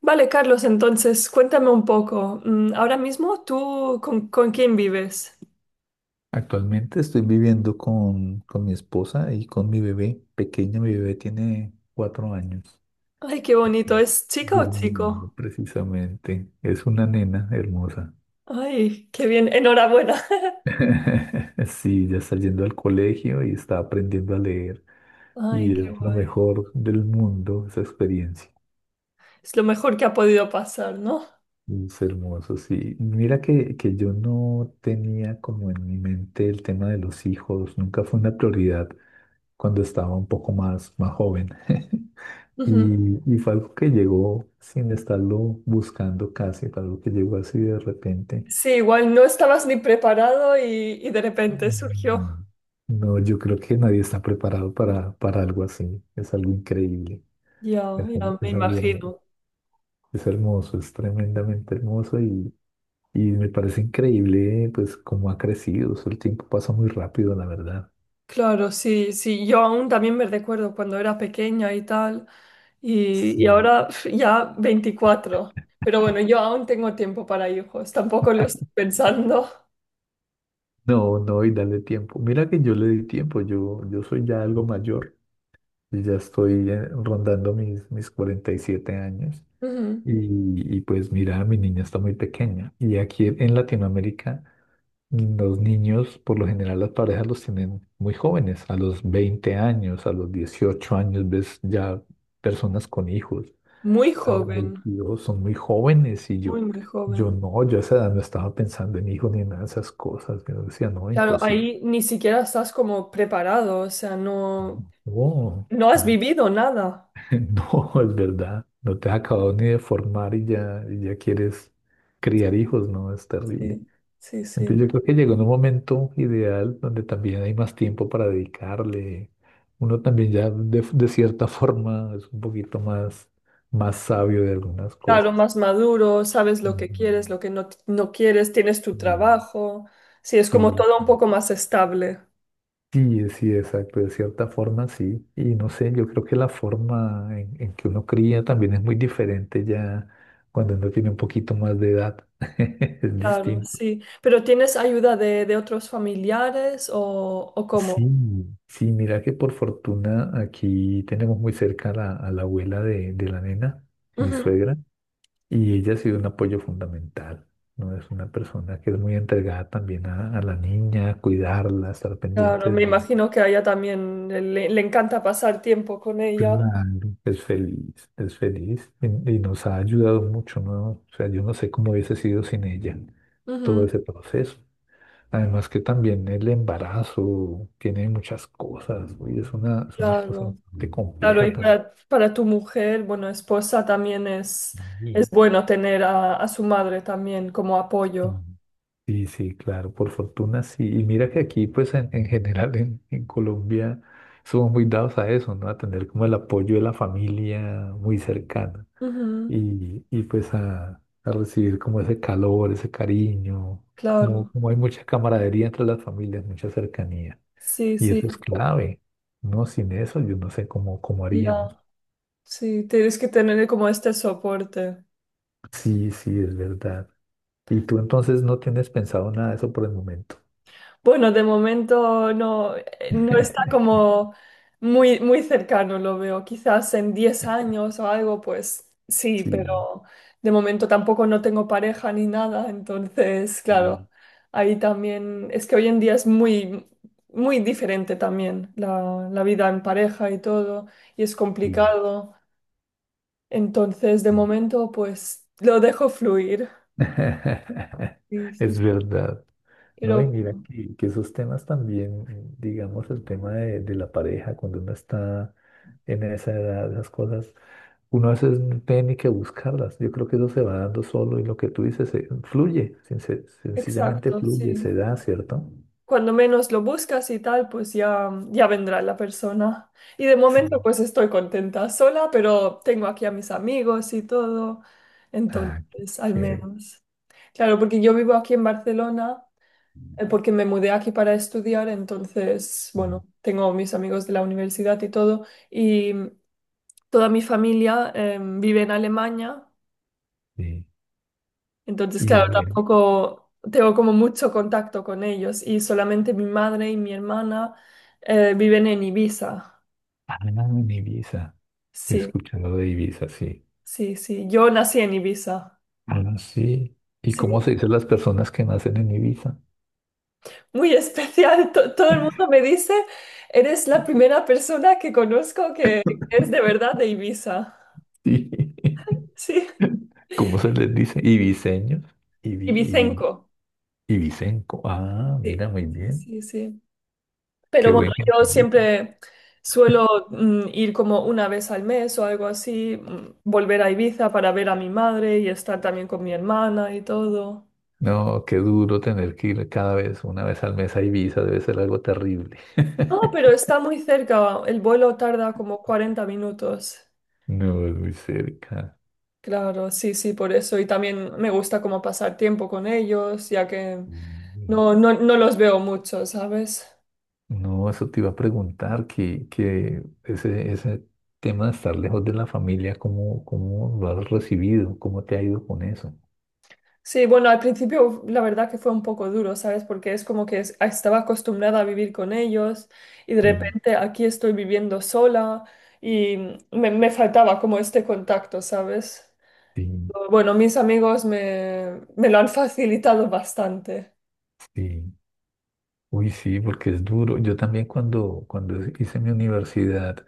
Vale, Carlos, entonces cuéntame un poco. Ahora mismo, ¿tú con quién vives? Actualmente estoy viviendo con mi esposa y con mi bebé pequeño. Mi bebé tiene 4 años, Ay, qué bonito. ¿Es chica o durmiendo chico? precisamente. Es una nena hermosa. Ay, qué bien. Enhorabuena. Sí, ya está yendo al colegio y está aprendiendo a leer. Ay, Y qué es lo guay. mejor del mundo esa experiencia. Es lo mejor que ha podido pasar, ¿no? Es hermoso, sí. Mira que yo no tenía como en mi mente el tema de los hijos. Nunca fue una prioridad cuando estaba un poco más joven. Ujú. Y fue algo que llegó sin estarlo buscando casi, fue algo que llegó así de repente. Sí, igual no estabas ni preparado y de repente surgió. No, no, yo creo que nadie está preparado para algo así. Es algo increíble, Ya, es, ya me es algo imagino. Hermoso, es tremendamente hermoso y me parece increíble pues cómo ha crecido. Eso, el tiempo pasa muy rápido, la verdad. Claro, sí, sí, yo aún también me recuerdo cuando era pequeña y tal, y Sí. ahora ya 24, pero bueno, yo aún tengo tiempo para hijos, tampoco lo estoy pensando. No, no, y dale tiempo. Mira que yo le di tiempo, yo soy ya algo mayor, y ya estoy rondando mis 47 años. Ujú. Y pues mira, mi niña está muy pequeña. Y aquí en Latinoamérica, los niños, por lo general, las parejas los tienen muy jóvenes, a los 20 años, a los 18 años, ves ya personas con hijos, Muy a los joven, 22 son muy jóvenes. Y muy, yo, muy yo joven. no, yo a esa edad no estaba pensando en hijos ni en nada de esas cosas. Yo decía, no, Claro, imposible. ahí ni siquiera estás como preparado, o sea, no, No, no has no, vivido nada. no, es verdad. No te has acabado ni de formar y ya, quieres criar hijos, no, es terrible. Sí, sí, sí. Entonces yo No. creo que llegó en un momento ideal donde también hay más tiempo para dedicarle. Uno también ya de cierta forma es un poquito más sabio de algunas Claro, cosas. más maduro, sabes lo que Ujú. quieres, lo que no, no quieres, tienes tu Mm. trabajo, sí, es Sí, como todo un poco más estable. sí, sí, exacto, de cierta forma sí. Y no sé, yo creo que la forma en que uno cría también es muy diferente ya cuando uno tiene un poquito más de edad. Es Claro, distinto. sí. ¿Pero tienes ayuda de otros familiares o Sí, cómo? sí, mira que por fortuna aquí tenemos muy cerca a la abuela de la nena, mi Ujú. suegra, y ella ha sido un apoyo fundamental, ¿no? Es una persona que es muy entregada también a la niña, a cuidarla, a estar Claro, pendiente de me ella. imagino que a ella también le encanta pasar tiempo con ella. Claro. Es feliz y nos ha ayudado mucho, ¿no? O sea, yo no sé cómo hubiese sido sin ella todo Ujú. ese proceso. Además que también el embarazo tiene muchas cosas, güey, es una cosa Claro, bastante claro, compleja y también. para tu mujer, bueno, esposa también es Y- bueno tener a su madre también como apoyo. Sí, sí, claro, por fortuna sí. Y mira que aquí, pues en general en Colombia somos muy dados a eso, ¿no? A tener como el apoyo de la familia muy cercana Ujú. y pues a recibir como ese calor, ese cariño, como, Claro, como hay mucha camaradería entre las familias, mucha cercanía. sí, Y sí. eso es clave. No, sin eso yo no sé cómo Ya, haríamos. sí, tienes que tener como este soporte. Sí, sí, es verdad. Y tú entonces no tienes pensado nada de eso por el momento. Bueno, de momento no, no está como muy, muy cercano, lo veo. Quizás en 10 años o algo, pues sí, Sí, pero de momento tampoco no tengo pareja ni nada. Entonces, claro, sí, ahí también es que hoy en día es muy, muy diferente también la vida en pareja y todo, y es sí, complicado. Entonces, de sí. momento, pues lo dejo fluir. Sí, sí, Es sí. verdad. No, y Pero, mira que esos temas también, digamos, el tema de la pareja, cuando uno está en esa edad, esas cosas, uno a veces no tiene ni que buscarlas. Yo creo que eso se va dando solo y lo que tú dices, fluye, sencillamente exacto, fluye, sí. se da, ¿cierto? Cuando menos lo buscas y tal, pues ya, ya vendrá la persona. Y de momento pues estoy contenta sola, pero tengo aquí a mis amigos y todo. Ah, qué Entonces, al chévere. menos. Claro, porque yo vivo aquí en Barcelona, porque me mudé aquí para estudiar, entonces, bueno, tengo mis amigos de la universidad y todo. Y toda mi familia, vive en Alemania. Sí. Entonces, Y claro, de Ale- tampoco tengo como mucho contacto con ellos y solamente mi madre y mi hermana viven en Ibiza. Ah, en Ibiza. Sí, Escuchando de Ibiza, sí. sí, sí. Yo nací en Ibiza. Ah, sí. ¿Y Sí. cómo se dicen las personas que nacen en Ibiza? Muy especial. Todo el mundo me dice, eres la primera persona que conozco que es de verdad de Ibiza. Sí. Sí. ¿Cómo se les dice? Ibiseños. Ibi, ibi, Ibicenco. ibicenco. Ah, mira, Sí, muy sí, bien. sí. Sí. Qué Pero bueno, buen yo gentilicio. siempre suelo ir como una vez al mes o algo así, volver a Ibiza para ver a mi madre y estar también con mi hermana y todo. No, qué duro tener que ir cada vez, una vez al mes a Ibiza, debe ser algo terrible. No, pero está muy cerca, el vuelo tarda como 40 minutos. No, es muy cerca. Claro, sí, sí, por eso. Y también me gusta como pasar tiempo con ellos, ya que Mm. no, no, no los veo mucho, ¿sabes? No, eso te iba a preguntar, que ese, ese tema de estar lejos de la familia, ¿cómo lo has recibido? ¿Cómo te ha ido con eso? Sí, bueno, al principio la verdad que fue un poco duro, ¿sabes? Porque es como que estaba acostumbrada a vivir con ellos y de Sí, repente aquí estoy viviendo sola y me faltaba como este contacto, ¿sabes? sí, Bueno, mis amigos me lo han facilitado bastante. sí. Uy, sí, porque es duro. Yo también cuando hice mi universidad,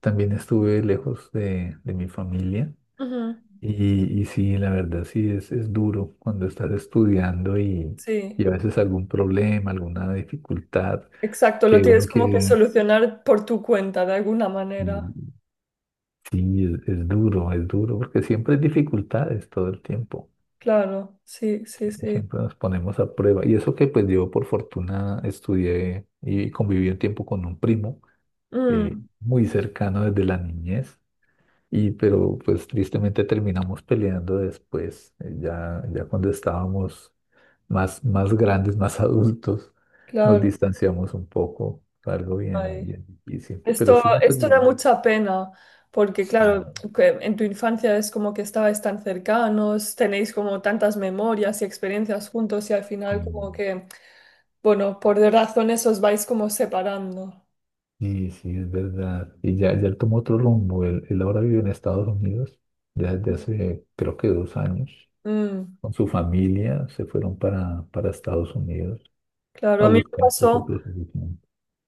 también estuve lejos de mi familia. Ujú. Y sí, la verdad, sí, es duro cuando estás estudiando y Sí, a veces algún problema, alguna dificultad exacto, lo que uno tienes como que quiere. solucionar por tu cuenta de alguna manera. Sí, es duro, es duro, porque siempre hay dificultades todo el tiempo. Claro, sí, sí, Y sí. siempre nos ponemos a prueba. Y eso que pues yo por fortuna estudié y conviví un tiempo con un primo Mm, muy cercano desde la niñez. Y pero pues tristemente terminamos peleando después, ya cuando estábamos más grandes, más adultos, nos claro. distanciamos un poco. Fue algo bien, Ay. bien difícil. Pero Esto, sí nos esto da ayudamos. mucha pena, porque Sí. claro, que en tu infancia es como que estabais tan cercanos, tenéis como tantas memorias y experiencias juntos y al final como Sí. que, bueno, por razones os vais como separando. Sí, sí, es verdad. Y ya él tomó otro rumbo. Él ahora vive en Estados Unidos ya desde hace, creo que 2 años. Mm, Con su familia se fueron para Estados Unidos claro, a a mí me buscar pues, pasó. otros horizontes.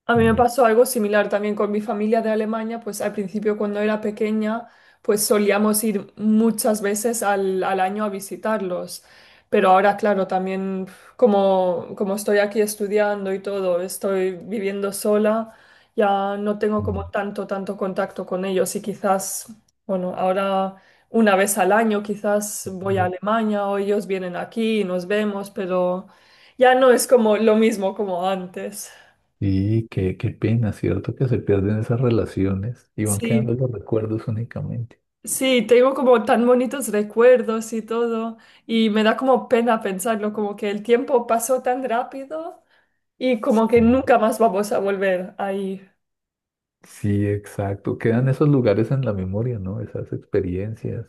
A mí me Mm, pasó algo similar también con mi familia de Alemania, pues al principio cuando era pequeña, pues solíamos ir muchas veces al año a visitarlos. Pero ahora, claro, también como estoy aquí estudiando y todo, estoy viviendo sola, ya no tengo como mm. tanto contacto con ellos y quizás, bueno, ahora una vez al año quizás voy a Alemania o ellos vienen aquí y nos vemos, pero ya no es como lo mismo como antes. Sí, qué pena, ¿cierto? Que se pierden esas relaciones y van Sí. quedando los recuerdos únicamente. Sí, tengo como tan bonitos recuerdos y todo, y me da como pena pensarlo, como que el tiempo pasó tan rápido y como que Mm. nunca más vamos a volver ahí. Sí, exacto. Quedan esos lugares en la memoria, ¿no? Esas experiencias,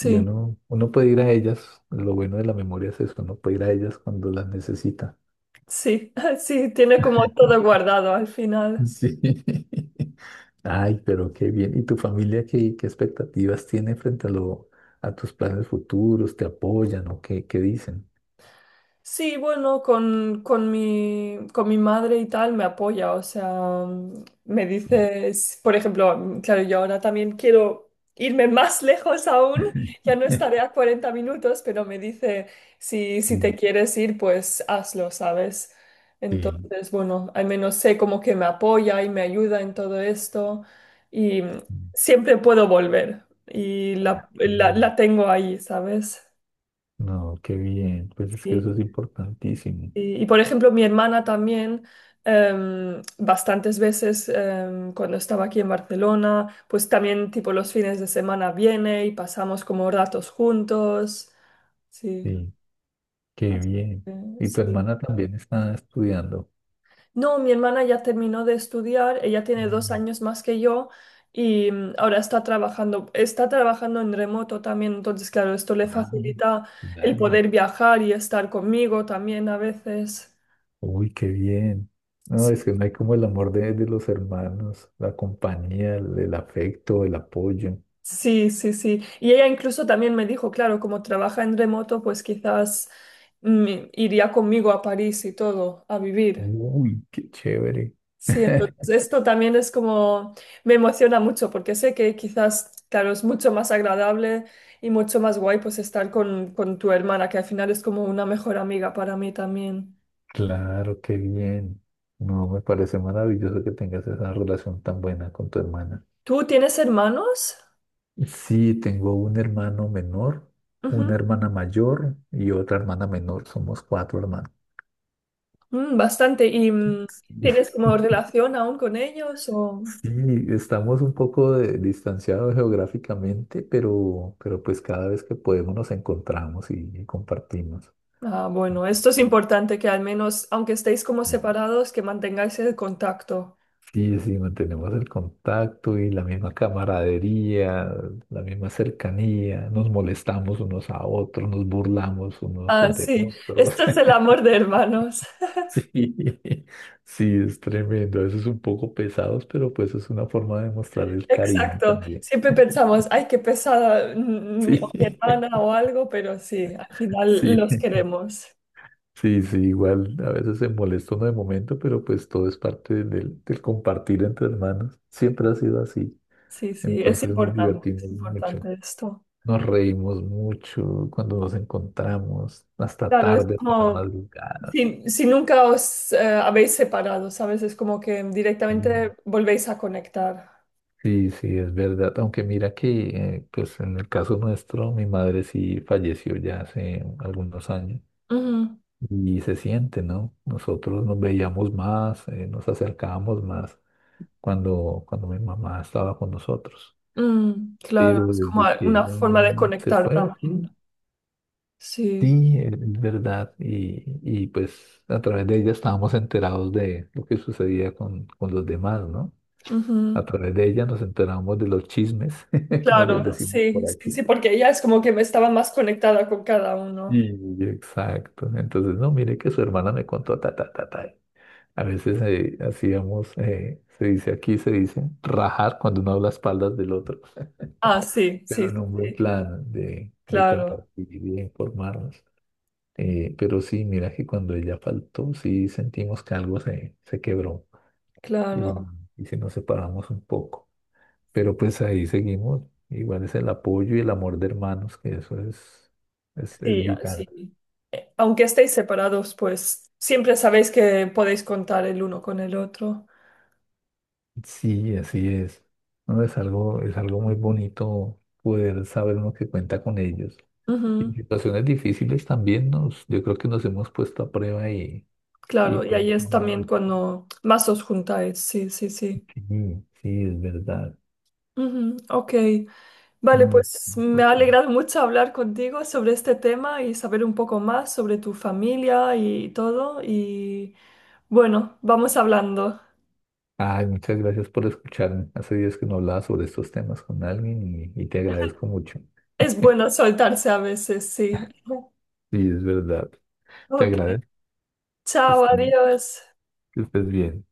y uno puede ir a ellas, lo bueno de la memoria es eso, uno puede ir a ellas cuando las necesita. sí, sí, tiene como todo guardado al final. Sí. Ay, pero qué bien. ¿Y tu familia qué, qué, expectativas tiene frente a tus planes futuros? ¿Te apoyan o qué dicen? Sí, bueno, con mi madre y tal me apoya, o sea, me dices, por ejemplo, claro, yo ahora también quiero irme más lejos aún, ya no estaré a 40 minutos, pero me dice, si, si te Sí. quieres ir, pues hazlo, ¿sabes? Sí. Entonces, bueno, al menos sé como que me apoya y me ayuda en todo esto y siempre puedo volver y Ah, la, qué la, bien. la tengo ahí, ¿sabes? No, qué bien. Pues es que Sí. eso es importantísimo. Y, por ejemplo, mi hermana también, bastantes veces cuando estaba aquí en Barcelona, pues también tipo los fines de semana viene y pasamos como ratos juntos. Sí. Sí, qué Así bien. ¿Y tu que, sí. hermana también está estudiando? No, mi hermana ya terminó de estudiar, ella tiene dos Mm. años más que yo y ahora está trabajando, en remoto también, entonces claro, esto le Ah, facilita el claro. poder viajar y estar conmigo también a veces. Uy, qué bien. No, es Sí. que no hay como el amor de los hermanos, la compañía, el afecto, el apoyo. Sí, sí, sí. Y ella incluso también me dijo, claro, como trabaja en remoto, pues quizás mm, iría conmigo a París y todo, a vivir. Uy, qué chévere. Sí, entonces esto también es como, me emociona mucho porque sé que quizás, claro, es mucho más agradable y mucho más guay pues estar con tu hermana, que al final es como una mejor amiga para mí también. Claro, qué bien. No, me parece maravilloso que tengas esa relación tan buena con tu hermana. ¿Tú tienes hermanos? Sí, tengo un hermano menor, una Ujú. hermana mayor y otra hermana menor. Somos cuatro hermanos. Bastante. ¿Y tienes como relación aún con ellos o? Sí, estamos un poco distanciados geográficamente, pero pues cada vez que podemos nos encontramos y compartimos. Ah, bueno, esto es importante que al menos, aunque estéis como separados, que mantengáis el contacto. Sí, sí, mantenemos el contacto y la misma camaradería, la misma cercanía, nos molestamos unos a otros, nos burlamos unos Ah, de sí, otros. esto es el amor de hermanos. Sí, sí, es tremendo. A veces un poco pesados, pero pues es una forma de mostrar el cariño Exacto. también. Siempre pensamos, ay, qué pesada o mi Sí, hermana o algo, pero sí, al final sí. los queremos. Sí, sí, igual a veces se molesta uno de momento, pero pues todo es parte del compartir entre hermanos. Siempre ha sido así. Sí, sí, Entonces nos divertimos es mucho, importante esto. nos reímos mucho cuando nos encontramos, hasta Claro, es tarde, hasta la como, madrugada. si, si nunca os habéis separado, ¿sabes? Es como que Mm. directamente volvéis a conectar. Sí, sí, es verdad. Aunque mira que, pues en el caso nuestro, mi madre sí falleció ya hace algunos años Ujú. y se siente, ¿no? Nosotros nos veíamos más, nos acercábamos más cuando mi mamá estaba con nosotros. Mm, claro, Pero es como desde que una ella forma de no se conectar fue, también. sí, Sí, sí, es verdad. Y pues a través de ella estábamos enterados de lo que sucedía con los demás, ¿no? ujú. A través de ella nos enteramos de los chismes, como les Claro, decimos sí, por sí, aquí. sí, porque ella es como que me estaba más conectada con cada uno. Y exacto. Entonces, no, mire que su hermana me contó ta, ta, ta, ta. A veces hacíamos, se dice aquí, se dice, rajar cuando uno habla a espaldas del otro. Ah, sí, sí, Pero en un buen sí, plan de claro, compartir y de informarnos. Pero sí, mira que cuando ella faltó, sí sentimos que algo se quebró y, claro. y sí nos separamos un poco. Pero pues ahí seguimos. Igual es el apoyo y el amor de hermanos, que eso es, es Sí, ah, vital. sí. Aunque estéis separados, pues siempre sabéis que podéis contar el uno con el otro. Sí, así es. No, es algo muy bonito poder saber uno que cuenta con ellos. Y en Ujú, situaciones difíciles también nos, yo creo que nos hemos puesto a prueba y claro, y pues, ahí es también amor. cuando más os juntáis, sí, sí, sí. Sí, sí, es verdad. Ujú, ok, vale, No, es pues me ha importante. alegrado mucho hablar contigo sobre este tema y saber un poco más sobre tu familia y todo. Y bueno, vamos hablando. Ay, muchas gracias por escucharme. Hace días que no hablaba sobre estos temas con alguien y te agradezco mucho. Es bueno soltarse a veces, sí. Sí, es verdad. Te Ok, agradezco. chao, Está- adiós. Que estés bien.